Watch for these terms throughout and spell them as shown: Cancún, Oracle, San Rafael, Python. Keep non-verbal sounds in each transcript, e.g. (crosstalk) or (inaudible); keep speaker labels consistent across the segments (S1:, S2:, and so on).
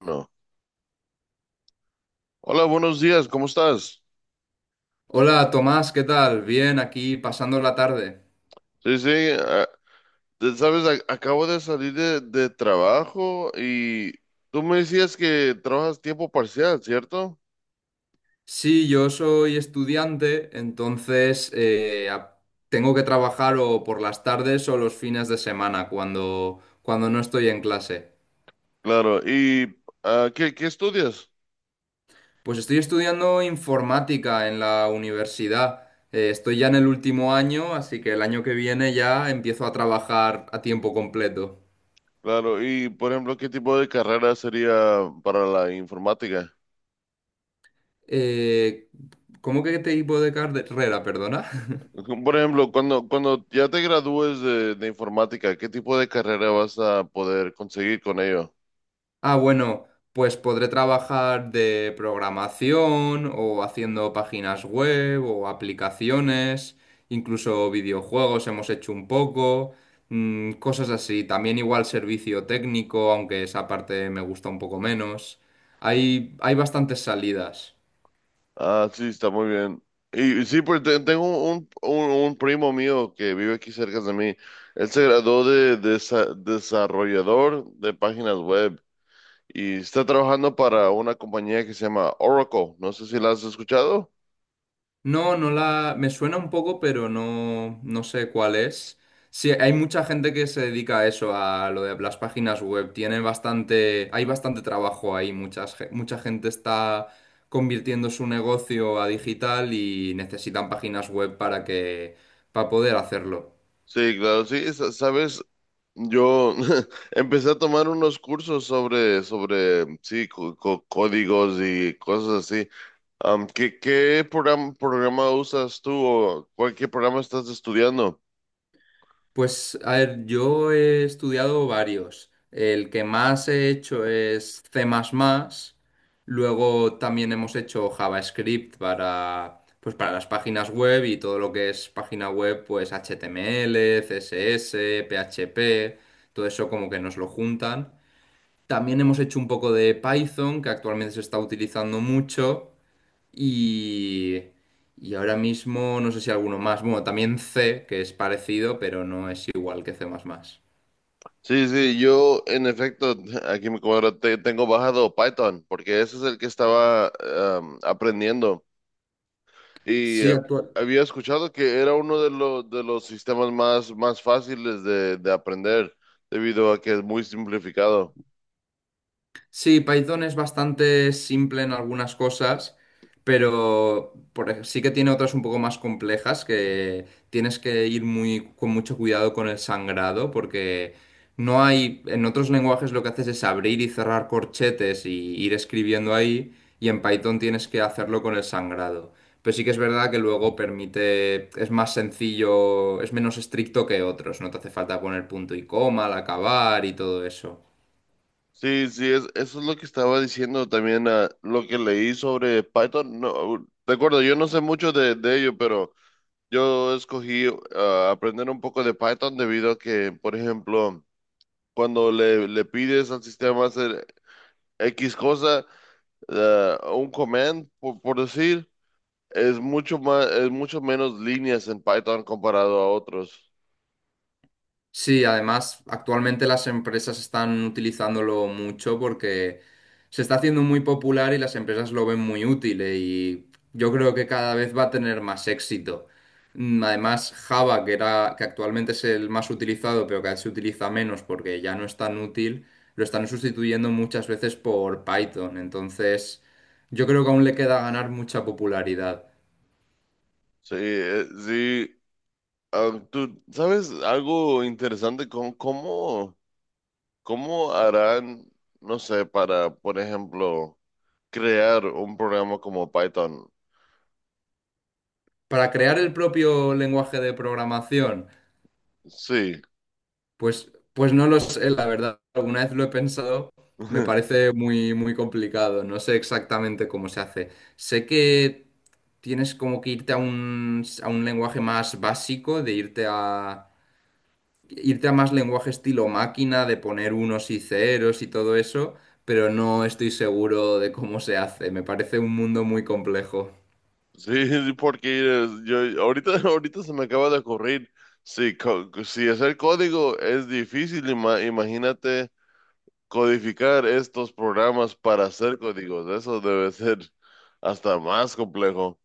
S1: No. Hola, buenos días, ¿cómo estás?
S2: Hola Tomás, ¿qué tal? Bien, aquí pasando la tarde.
S1: Sí, sí, ah, sabes, acabo de salir de trabajo, y tú me decías que trabajas tiempo parcial, ¿cierto?
S2: Sí, yo soy estudiante, entonces tengo que trabajar o por las tardes o los fines de semana cuando no estoy en clase.
S1: Claro, y ¿qué estudias?
S2: Pues estoy estudiando informática en la universidad. Estoy ya en el último año, así que el año que viene ya empiezo a trabajar a tiempo completo.
S1: Claro, y por ejemplo, ¿qué tipo de carrera sería para la informática?
S2: Eh, ¿Cómo que qué tipo de carrera, perdona?
S1: (laughs) Por ejemplo, cuando ya te gradúes de informática, ¿qué tipo de carrera vas a poder conseguir con ello?
S2: Ah, bueno, pues podré trabajar de programación o haciendo páginas web o aplicaciones, incluso videojuegos hemos hecho un poco, mm, cosas así. También igual servicio técnico, aunque esa parte me gusta un poco menos. Hay bastantes salidas.
S1: Ah, sí, está muy bien. Y sí, pues tengo un primo mío que vive aquí cerca de mí. Él se graduó desarrollador de páginas web y está trabajando para una compañía que se llama Oracle. No sé si la has escuchado.
S2: No, no la... Me suena un poco, pero no, no sé cuál es. Sí, hay mucha gente que se dedica a eso, a lo de las páginas web. Tiene bastante... Hay bastante trabajo ahí. Mucha gente está convirtiendo su negocio a digital y necesitan páginas web para que... para poder hacerlo.
S1: Sí, claro, sí, sabes, yo (laughs) empecé a tomar unos cursos sobre, sí, códigos y cosas así. ¿Qué programa usas tú? O cuál, ¿qué programa estás estudiando?
S2: Pues, a ver, yo he estudiado varios. El que más he hecho es C++. Luego también hemos hecho JavaScript para, pues, para las páginas web y todo lo que es página web, pues HTML, CSS, PHP, todo eso como que nos lo juntan. También hemos hecho un poco de Python, que actualmente se está utilizando mucho. Y, y ahora mismo no sé si alguno más. Bueno, también C, que es parecido, pero no es igual que C++.
S1: Sí, sí, yo en efecto, aquí me cuadra, tengo bajado Python, porque ese es el que estaba aprendiendo. Y
S2: Sí, actual.
S1: había escuchado que era uno de los sistemas más fáciles de aprender, debido a que es muy simplificado.
S2: Sí, Python es bastante simple en algunas cosas, pero sí que tiene otras un poco más complejas que tienes que ir muy con mucho cuidado con el sangrado, porque no hay, en otros lenguajes lo que haces es abrir y cerrar corchetes y ir escribiendo ahí, y en Python tienes que hacerlo con el sangrado. Pero sí que es verdad que luego permite, es más sencillo, es menos estricto que otros, no te hace falta poner punto y coma al acabar y todo eso.
S1: Sí, sí, eso es lo que estaba diciendo también, lo que leí sobre Python. No, de acuerdo, yo no sé mucho de ello, pero yo escogí aprender un poco de Python debido a que, por ejemplo, cuando le pides al sistema hacer X cosa, un command, por decir, es mucho menos líneas en Python comparado a otros.
S2: Sí, además, actualmente las empresas están utilizándolo mucho porque se está haciendo muy popular y las empresas lo ven muy útil y yo creo que cada vez va a tener más éxito. Mm, además, Java, que actualmente es el más utilizado, pero cada vez se utiliza menos porque ya no es tan útil, lo están sustituyendo muchas veces por Python. Entonces, yo creo que aún le queda ganar mucha popularidad.
S1: Sí, sí. Ah, ¿tú sabes algo interesante con cómo harán, no sé, para, por ejemplo, crear un programa como Python?
S2: Para crear el propio lenguaje de programación.
S1: Sí.
S2: Pues no lo sé, la verdad. Alguna vez lo he pensado, me
S1: (laughs)
S2: parece muy complicado. No sé exactamente cómo se hace. Sé que tienes como que irte a a un lenguaje más básico, irte a más lenguaje estilo máquina, de poner unos y ceros y todo eso, pero no estoy seguro de cómo se hace. Me parece un mundo muy complejo.
S1: Sí, sí, porque yo ahorita, (laughs) ahorita se me acaba de ocurrir, si, si hacer código es difícil, imagínate codificar estos programas para hacer códigos, eso debe ser hasta más complejo.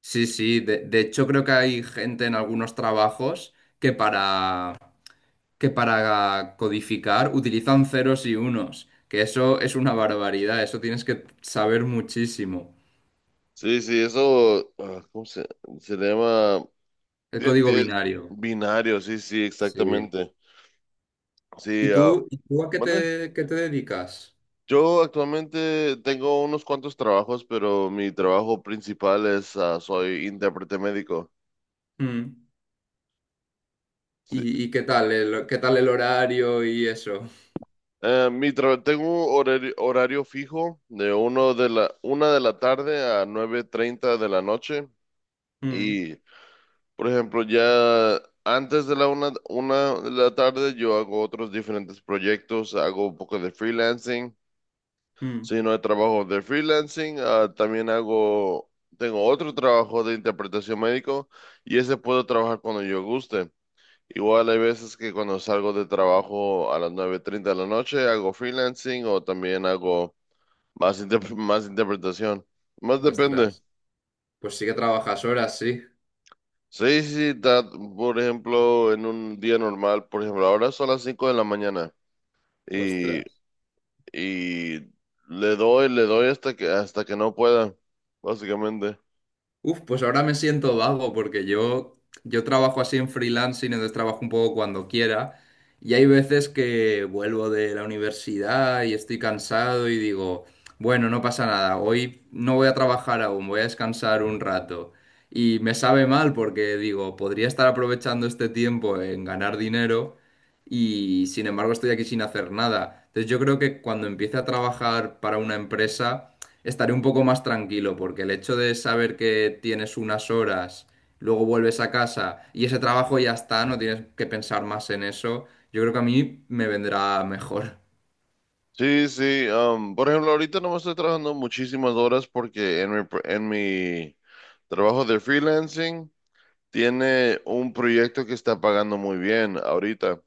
S2: Sí, sí, de hecho creo que hay gente en algunos trabajos que para, que para codificar utilizan ceros y unos, que eso es una barbaridad, eso tienes que saber muchísimo.
S1: Sí, sí, eso, ¿cómo se le llama?
S2: El
S1: Tien-
S2: código
S1: tie-
S2: binario.
S1: Binario, sí, sí,
S2: Sí.
S1: exactamente. Sí,
S2: ¿Y tú a qué
S1: ¿mande?
S2: qué te dedicas?
S1: Yo actualmente tengo unos cuantos trabajos, pero mi trabajo principal soy intérprete médico.
S2: Mm.
S1: Sí.
S2: ¿Y qué tal qué tal el horario y eso?
S1: Tengo horario fijo de uno de la una de la tarde a 9:30 de la noche,
S2: Mm,
S1: y por ejemplo ya antes de la una de la tarde yo hago otros diferentes proyectos, hago un poco de freelancing.
S2: mm.
S1: Si no hay trabajo de freelancing, tengo otro trabajo de interpretación médico, y ese puedo trabajar cuando yo guste. Igual hay veces que cuando salgo de trabajo a las 9:30 de la noche hago freelancing, o también hago (laughs) más interpretación. Más depende.
S2: Ostras. Pues sí que trabajas horas, sí.
S1: Sí, sí, sí, por ejemplo, en un día normal, por ejemplo, ahora son las 5 de la mañana, y,
S2: Ostras.
S1: y le doy hasta que no pueda, básicamente.
S2: Uf, pues ahora me siento vago yo trabajo así en freelancing, entonces trabajo un poco cuando quiera. Y hay veces que vuelvo de la universidad y estoy cansado y digo, bueno, no pasa nada, hoy no voy a trabajar aún, voy a descansar un rato. Y me sabe mal porque digo, podría estar aprovechando este tiempo en ganar dinero, y sin embargo estoy aquí sin hacer nada. Entonces yo creo que cuando empiece a trabajar para una empresa estaré un poco más tranquilo porque el hecho de saber que tienes unas horas, luego vuelves a casa y ese trabajo ya está, no tienes que pensar más en eso, yo creo que a mí me vendrá mejor.
S1: Sí, sí, por ejemplo, ahorita no me estoy trabajando muchísimas horas porque en mi trabajo de freelancing. Tiene un proyecto que está pagando muy bien ahorita.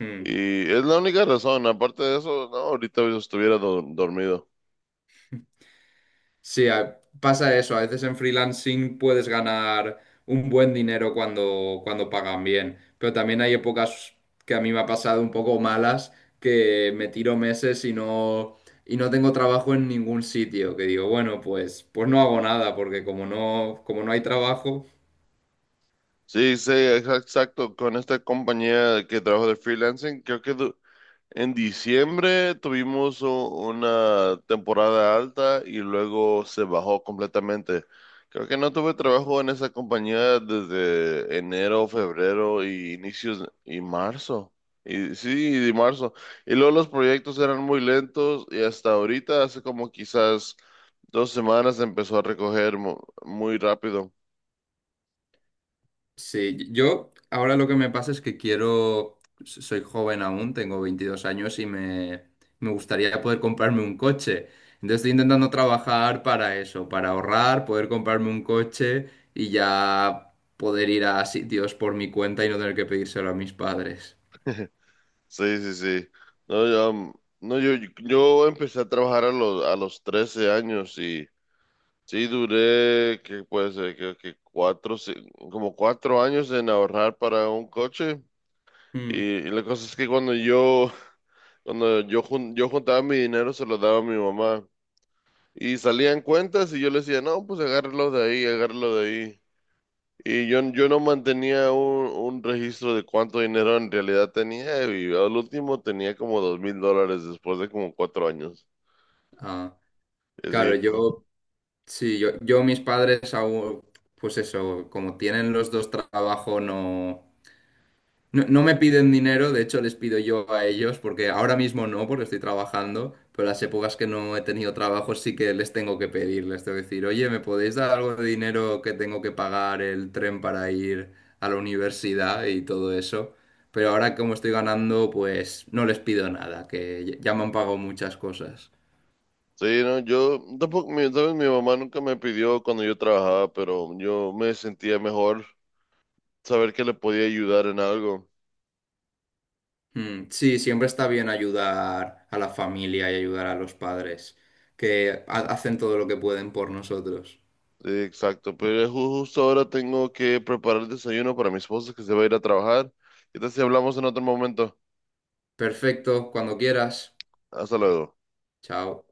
S2: Mm.
S1: Y es la única razón. Aparte de eso, no, ahorita yo estuviera dormido.
S2: Sí, a- pasa eso. A veces en freelancing puedes ganar un buen dinero cuando pagan bien, pero también hay épocas que a mí me ha pasado un poco malas, que me tiro meses y no tengo trabajo en ningún sitio, que digo, bueno, pues no hago nada, porque como no hay trabajo...
S1: Sí, sí, exacto. Con esta compañía que trabajo de freelancing, creo que en diciembre tuvimos una temporada alta y luego se bajó completamente. Creo que no tuve trabajo en esa compañía desde enero, febrero y inicios y marzo. Y sí, y de marzo. Y luego los proyectos eran muy lentos, y hasta ahorita, hace como quizás 2 semanas, empezó a recoger muy rápido.
S2: Sí, yo ahora lo que me pasa es que quiero, soy joven aún, tengo 22 años me gustaría poder comprarme un coche. Entonces estoy intentando trabajar para eso, para ahorrar, poder comprarme un coche y ya poder ir a sitios por mi cuenta y no tener que pedírselo a mis padres.
S1: Sí, sí, sí. No, yo, um, no, yo empecé a trabajar a los 13 años. Sí, duré, que puede ser? Creo que como 4 años en ahorrar para un coche. Y,
S2: Mm,
S1: y la cosa es que yo juntaba mi dinero, se lo daba a mi mamá. Y salían cuentas y yo le decía, no, pues agárralo de ahí, agárralo de ahí. Y yo no mantenía un registro de cuánto dinero en realidad tenía. Y al último tenía como $2,000 después de como 4 años.
S2: ah,
S1: Y
S2: claro,
S1: así.
S2: yo mis padres aún, pues eso, como tienen los dos trabajo, no. No, no me piden dinero, de hecho les pido yo a ellos, porque ahora mismo no, porque estoy trabajando, pero las épocas que no he tenido trabajo sí que les tengo que pedir, les tengo que decir, oye, ¿me podéis dar algo de dinero que tengo que pagar el tren para ir a la universidad y todo eso? Pero ahora como estoy ganando, pues no les pido nada, que ya me han pagado muchas cosas.
S1: Sí, no, yo tampoco, sabes, mi mamá nunca me pidió cuando yo trabajaba, pero yo me sentía mejor saber que le podía ayudar en algo.
S2: Mm, sí, siempre está bien ayudar a la familia y ayudar a los padres, que ha- hacen todo lo que pueden por nosotros.
S1: Sí, exacto, pero justo ahora tengo que preparar el desayuno para mi esposa, que se va a ir a trabajar. ¿Qué tal si hablamos en otro momento?
S2: Perfecto, cuando quieras.
S1: Hasta luego.
S2: Chao.